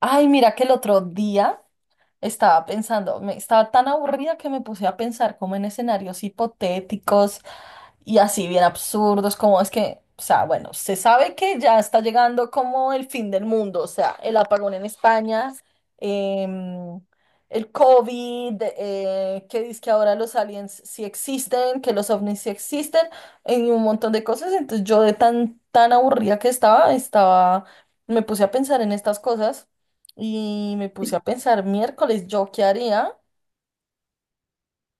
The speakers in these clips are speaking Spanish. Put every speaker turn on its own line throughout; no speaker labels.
Ay, mira que el otro día estaba pensando, me estaba tan aburrida que me puse a pensar como en escenarios hipotéticos y así bien absurdos, como es que, o sea, bueno, se sabe que ya está llegando como el fin del mundo, o sea, el apagón en España, em, el COVID, que dice que ahora los aliens sí existen, que los ovnis sí existen, y un montón de cosas. Entonces yo de tan aburrida que estaba, me puse a pensar en estas cosas y me puse a pensar miércoles, ¿yo qué haría?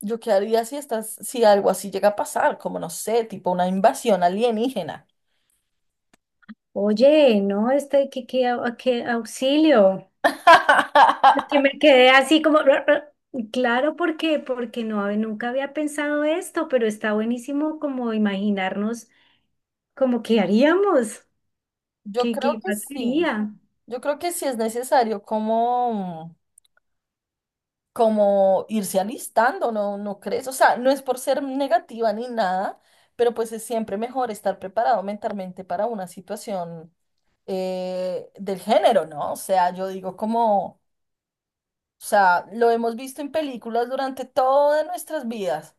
Yo qué haría si estás, si algo así llega a pasar, como no sé, tipo una invasión alienígena.
Oye, no, qué auxilio. Que me quedé así como, "Ra, ra". Claro, porque no, nunca había pensado esto, pero está buenísimo como imaginarnos como qué haríamos,
Yo creo
qué
que sí.
pasaría.
Yo creo que sí es necesario como, como irse alistando, ¿no? ¿No crees? O sea, no es por ser negativa ni nada, pero pues es siempre mejor estar preparado mentalmente para una situación del género, ¿no? O sea, yo digo como, o sea, lo hemos visto en películas durante todas nuestras vidas.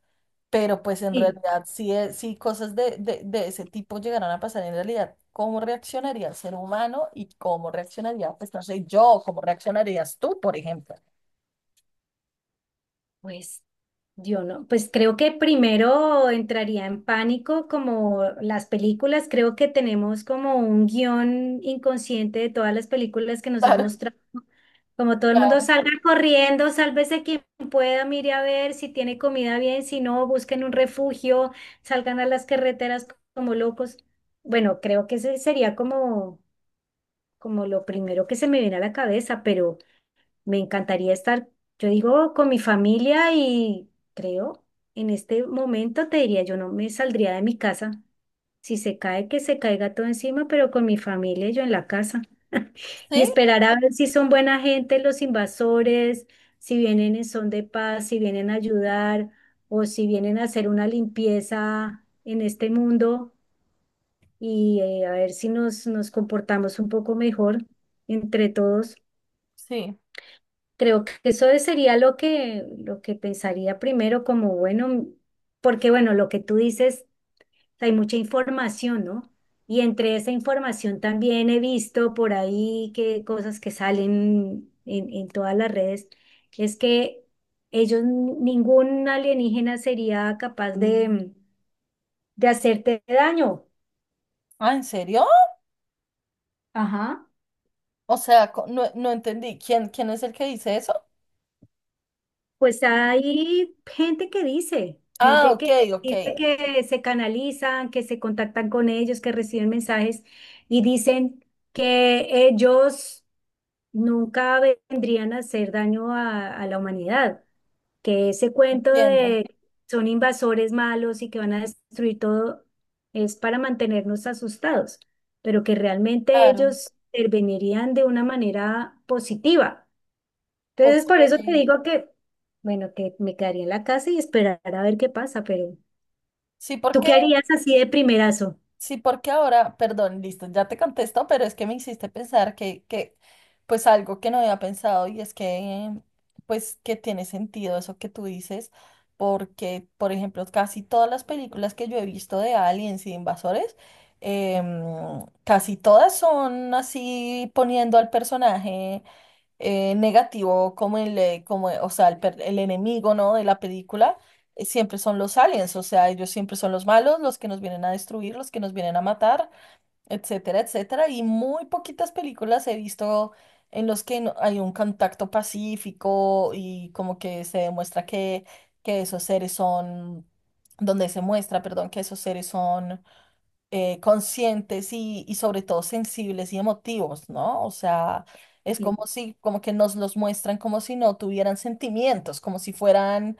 Pero pues en
Sí,
realidad, si cosas de ese tipo llegaran a pasar en realidad, ¿cómo reaccionaría el ser humano y cómo reaccionaría, pues no sé, yo, cómo reaccionarías tú, por ejemplo?
pues yo no, pues creo que primero entraría en pánico como las películas, creo que tenemos como un guión inconsciente de todas las películas que nos han
Claro,
mostrado. Como todo el mundo
claro.
salga corriendo, sálvese quien pueda, mire a ver si tiene comida bien, si no, busquen un refugio, salgan a las carreteras como locos. Bueno, creo que ese sería como, como lo primero que se me viene a la cabeza, pero me encantaría estar, yo digo, con mi familia y creo, en este momento te diría, yo no me saldría de mi casa. Si se cae, que se caiga todo encima, pero con mi familia y yo en la casa y
Sí,
esperar a ver si son buena gente los invasores, si vienen en son de paz, si vienen a ayudar o si vienen a hacer una limpieza en este mundo y a ver si nos comportamos un poco mejor entre todos.
sí.
Creo que eso sería lo que pensaría primero como, bueno, porque bueno, lo que tú dices sea, hay mucha información, ¿no? Y entre esa información también he visto por ahí que cosas que salen en todas las redes, es que ellos, ningún alienígena sería capaz de hacerte daño.
Ah, ¿en serio?
Ajá.
O sea, no, no entendí. ¿Quién es el que dice eso?
Pues hay
Ah,
gente
ok,
que
ok.
dice que se canalizan, que se contactan con ellos, que reciben mensajes y dicen que ellos nunca vendrían a hacer daño a la humanidad, que ese cuento
Entiendo.
de son invasores malos y que van a destruir todo es para mantenernos asustados, pero que realmente
Claro.
ellos intervenirían de una manera positiva. Entonces,
Ok.
por eso te digo que, bueno, que me quedaría en la casa y esperar a ver qué pasa, pero
Sí,
¿tú
porque
qué harías así de primerazo?
sí, porque ahora, perdón, listo, ya te contesto, pero es que me hiciste pensar pues algo que no había pensado, y es que pues que tiene sentido eso que tú dices, porque, por ejemplo, casi todas las películas que yo he visto de aliens y de invasores, em, casi todas son así poniendo al personaje negativo como como, o sea, el enemigo, ¿no?, de la película. Siempre son los aliens, o sea, ellos siempre son los malos, los que nos vienen a destruir, los que nos vienen a matar, etcétera, etcétera. Y muy poquitas películas he visto en los que hay un contacto pacífico y como que se demuestra que esos seres son, donde se muestra, perdón, que esos seres son conscientes y sobre todo sensibles y emotivos, ¿no? O sea, es como si, como que nos los muestran como si no tuvieran sentimientos, como si fueran,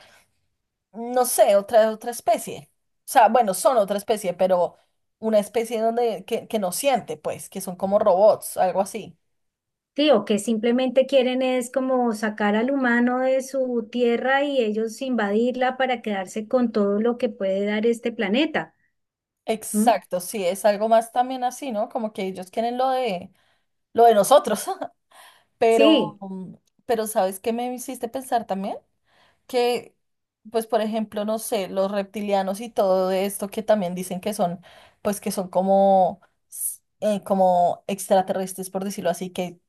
no sé, otra, otra especie. O sea, bueno, son otra especie, pero una especie donde, que no siente, pues, que son como robots, algo así.
Sí, o que simplemente quieren es como sacar al humano de su tierra y ellos invadirla para quedarse con todo lo que puede dar este planeta. ¿Mm?
Exacto, sí, es algo más también así, ¿no? Como que ellos quieren lo de nosotros. pero,
Sí,
pero ¿sabes qué me hiciste pensar también? Que pues por ejemplo, no sé, los reptilianos y todo esto que también dicen que son, pues que son como, como extraterrestres, por decirlo así,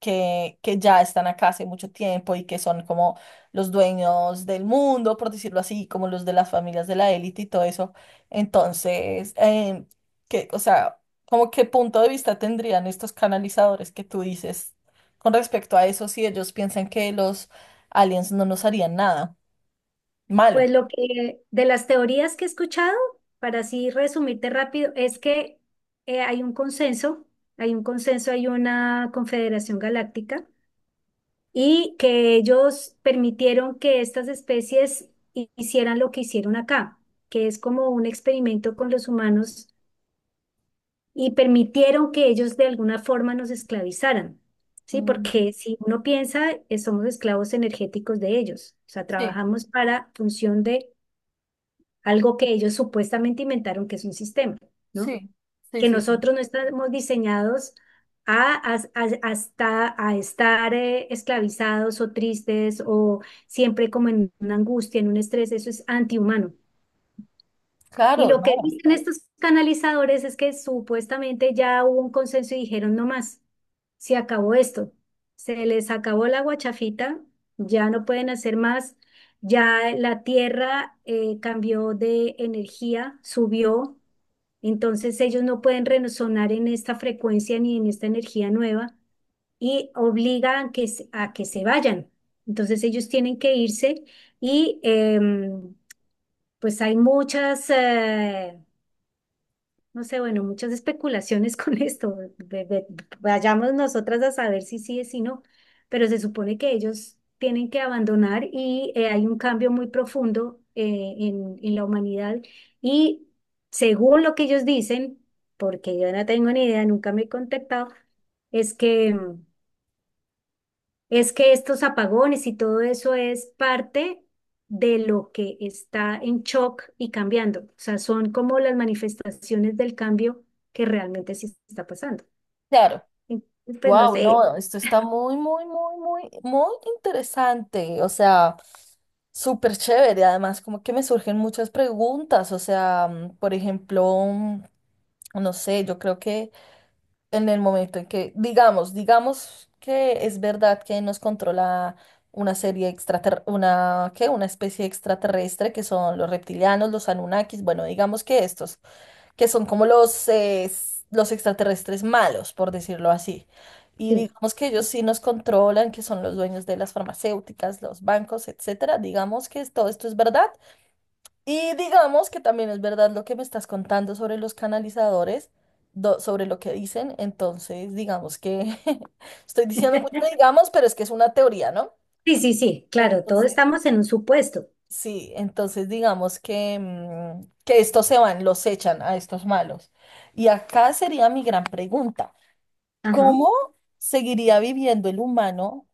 que ya están acá hace mucho tiempo y que son como los dueños del mundo, por decirlo así, como los de las familias de la élite y todo eso. Entonces, que, o sea, ¿como qué punto de vista tendrían estos canalizadores que tú dices con respecto a eso si ellos piensan que los aliens no nos harían nada? Malo.
pues lo que de las teorías que he escuchado, para así resumirte rápido, es que hay un consenso, hay un consenso, hay una confederación galáctica y que ellos permitieron que estas especies hicieran lo que hicieron acá, que es como un experimento con los humanos y permitieron que ellos de alguna forma nos esclavizaran, ¿sí? Porque
Mm,
si uno piensa, somos esclavos energéticos de ellos, o sea,
sí,
trabajamos para función de algo que ellos supuestamente inventaron, que es un sistema, ¿no?
sí, sí,
Que
sí, sí.
nosotros no estamos diseñados hasta, a estar esclavizados o tristes o siempre como en una angustia, en un estrés, eso es antihumano. Y
Claro,
lo que
no,
dicen estos canalizadores es que supuestamente ya hubo un consenso y dijeron no más, se acabó esto, se les acabó la guachafita, ya no pueden hacer más, ya la tierra cambió de energía, subió, entonces ellos no pueden resonar en esta frecuencia ni en esta energía nueva y obligan que, a que se vayan. Entonces ellos tienen que irse y pues hay muchas... no sé, bueno, muchas especulaciones con esto. Vayamos nosotras a saber si sí es si no, pero se supone que ellos tienen que abandonar y hay un cambio muy profundo en la humanidad. Y según lo que ellos dicen, porque yo no tengo ni idea, nunca me he contactado, es que es que estos apagones y todo eso es parte de lo que está en shock y cambiando. O sea, son como las manifestaciones del cambio que realmente sí está pasando.
claro.
Entonces, pues no
Wow,
sé.
no, esto está muy, muy, muy, muy, muy interesante. O sea, súper chévere. Además, como que me surgen muchas preguntas. O sea, mm, por ejemplo, mm, no sé, yo creo que en el momento en que, digamos, digamos que es verdad que nos controla una serie extraterrestre, una, ¿qué?, una especie extraterrestre que son los reptilianos, los Anunnakis, bueno, digamos que estos, que son como los, los extraterrestres malos, por decirlo así. Y
Sí,
digamos que ellos sí nos controlan, que son los dueños de las farmacéuticas, los bancos, etcétera. Digamos que todo esto es verdad. Y digamos que también es verdad lo que me estás contando sobre los canalizadores, sobre lo que dicen. Entonces, digamos que estoy diciendo mucho, digamos, pero es que es una teoría, ¿no?
sí, sí, sí, claro, todos
Entonces,
estamos en un supuesto.
sí, entonces digamos que, mm, que estos se van, los echan a estos malos. Y acá sería mi gran pregunta.
Ajá,
¿Cómo seguiría viviendo el humano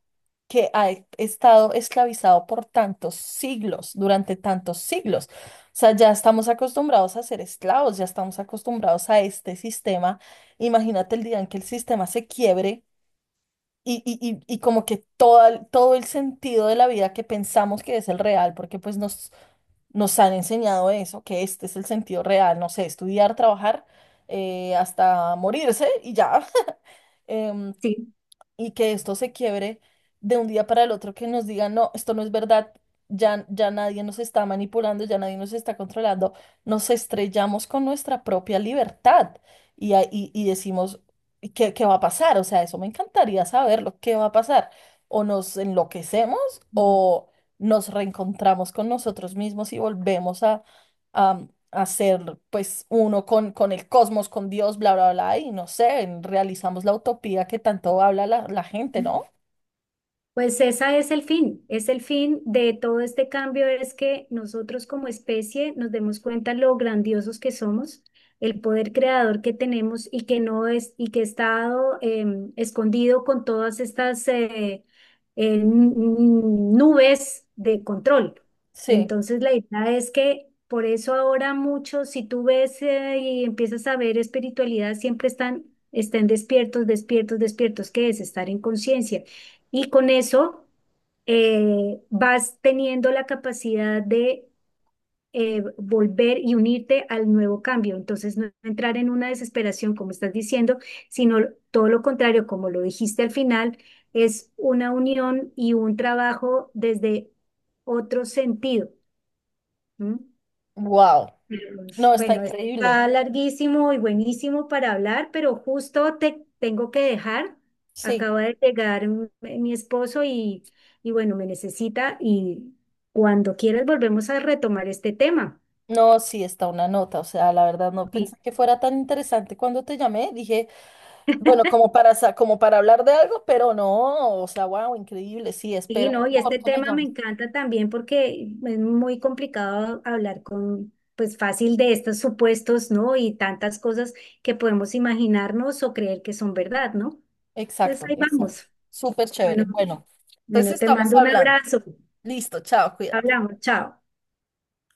que ha estado esclavizado por tantos siglos, durante tantos siglos? O sea, ya estamos acostumbrados a ser esclavos, ya estamos acostumbrados a este sistema. Imagínate el día en que el sistema se quiebre. Y, y, y como que todo, todo el sentido de la vida que pensamos que es el real, porque pues nos han enseñado eso, que este es el sentido real, no sé, estudiar, trabajar hasta morirse y ya. Em,
sí.
y que esto se quiebre de un día para el otro, que nos digan, no, esto no es verdad, ya, ya nadie nos está manipulando, ya nadie nos está controlando, nos estrellamos con nuestra propia libertad y decimos, "¿Y ¿qué, qué va a pasar? O sea, eso me encantaría saberlo, ¿qué va a pasar? O nos enloquecemos o nos reencontramos con nosotros mismos y volvemos a, hacer pues uno con el cosmos, con Dios, bla, bla, bla, y no sé, realizamos la utopía que tanto habla la, la gente, ¿no?
Pues esa es el fin de todo este cambio, es que nosotros como especie nos demos cuenta lo grandiosos que somos, el poder creador que tenemos y que no es y que está dado, escondido con todas estas nubes de control.
Sí,
Entonces la idea es que por eso ahora muchos, si tú ves y empiezas a ver espiritualidad, siempre están, están despiertos, despiertos, despiertos, que es estar en conciencia. Y con eso vas teniendo la capacidad de volver y unirte al nuevo cambio. Entonces, no entrar en una desesperación, como estás diciendo, sino todo lo contrario, como lo dijiste al final, es una unión y un trabajo desde otro sentido. ¿M?
wow, no, está
Bueno,
increíble,
está larguísimo y buenísimo para hablar, pero justo te tengo que dejar.
sí,
Acaba de llegar mi esposo y bueno, me necesita y cuando quieras volvemos a retomar este tema.
no, sí, está una nota, o sea, la verdad no
Sí,
pensé que fuera tan interesante cuando te llamé, dije, bueno, como para, como para hablar de algo, pero no, o sea, wow, increíble, sí,
sí,
espero
¿no?
por
Y
favor
este
que me
tema me
llames.
encanta también porque es muy complicado hablar con, pues fácil de estos supuestos, ¿no? Y tantas cosas que podemos imaginarnos o creer que son verdad, ¿no? Entonces
Exacto,
ahí
exacto,
vamos.
súper chévere,
Bueno,
bueno, entonces
bueno, te
estamos
mando un
hablando,
abrazo.
listo, chao, cuídate.
Hablamos, chao.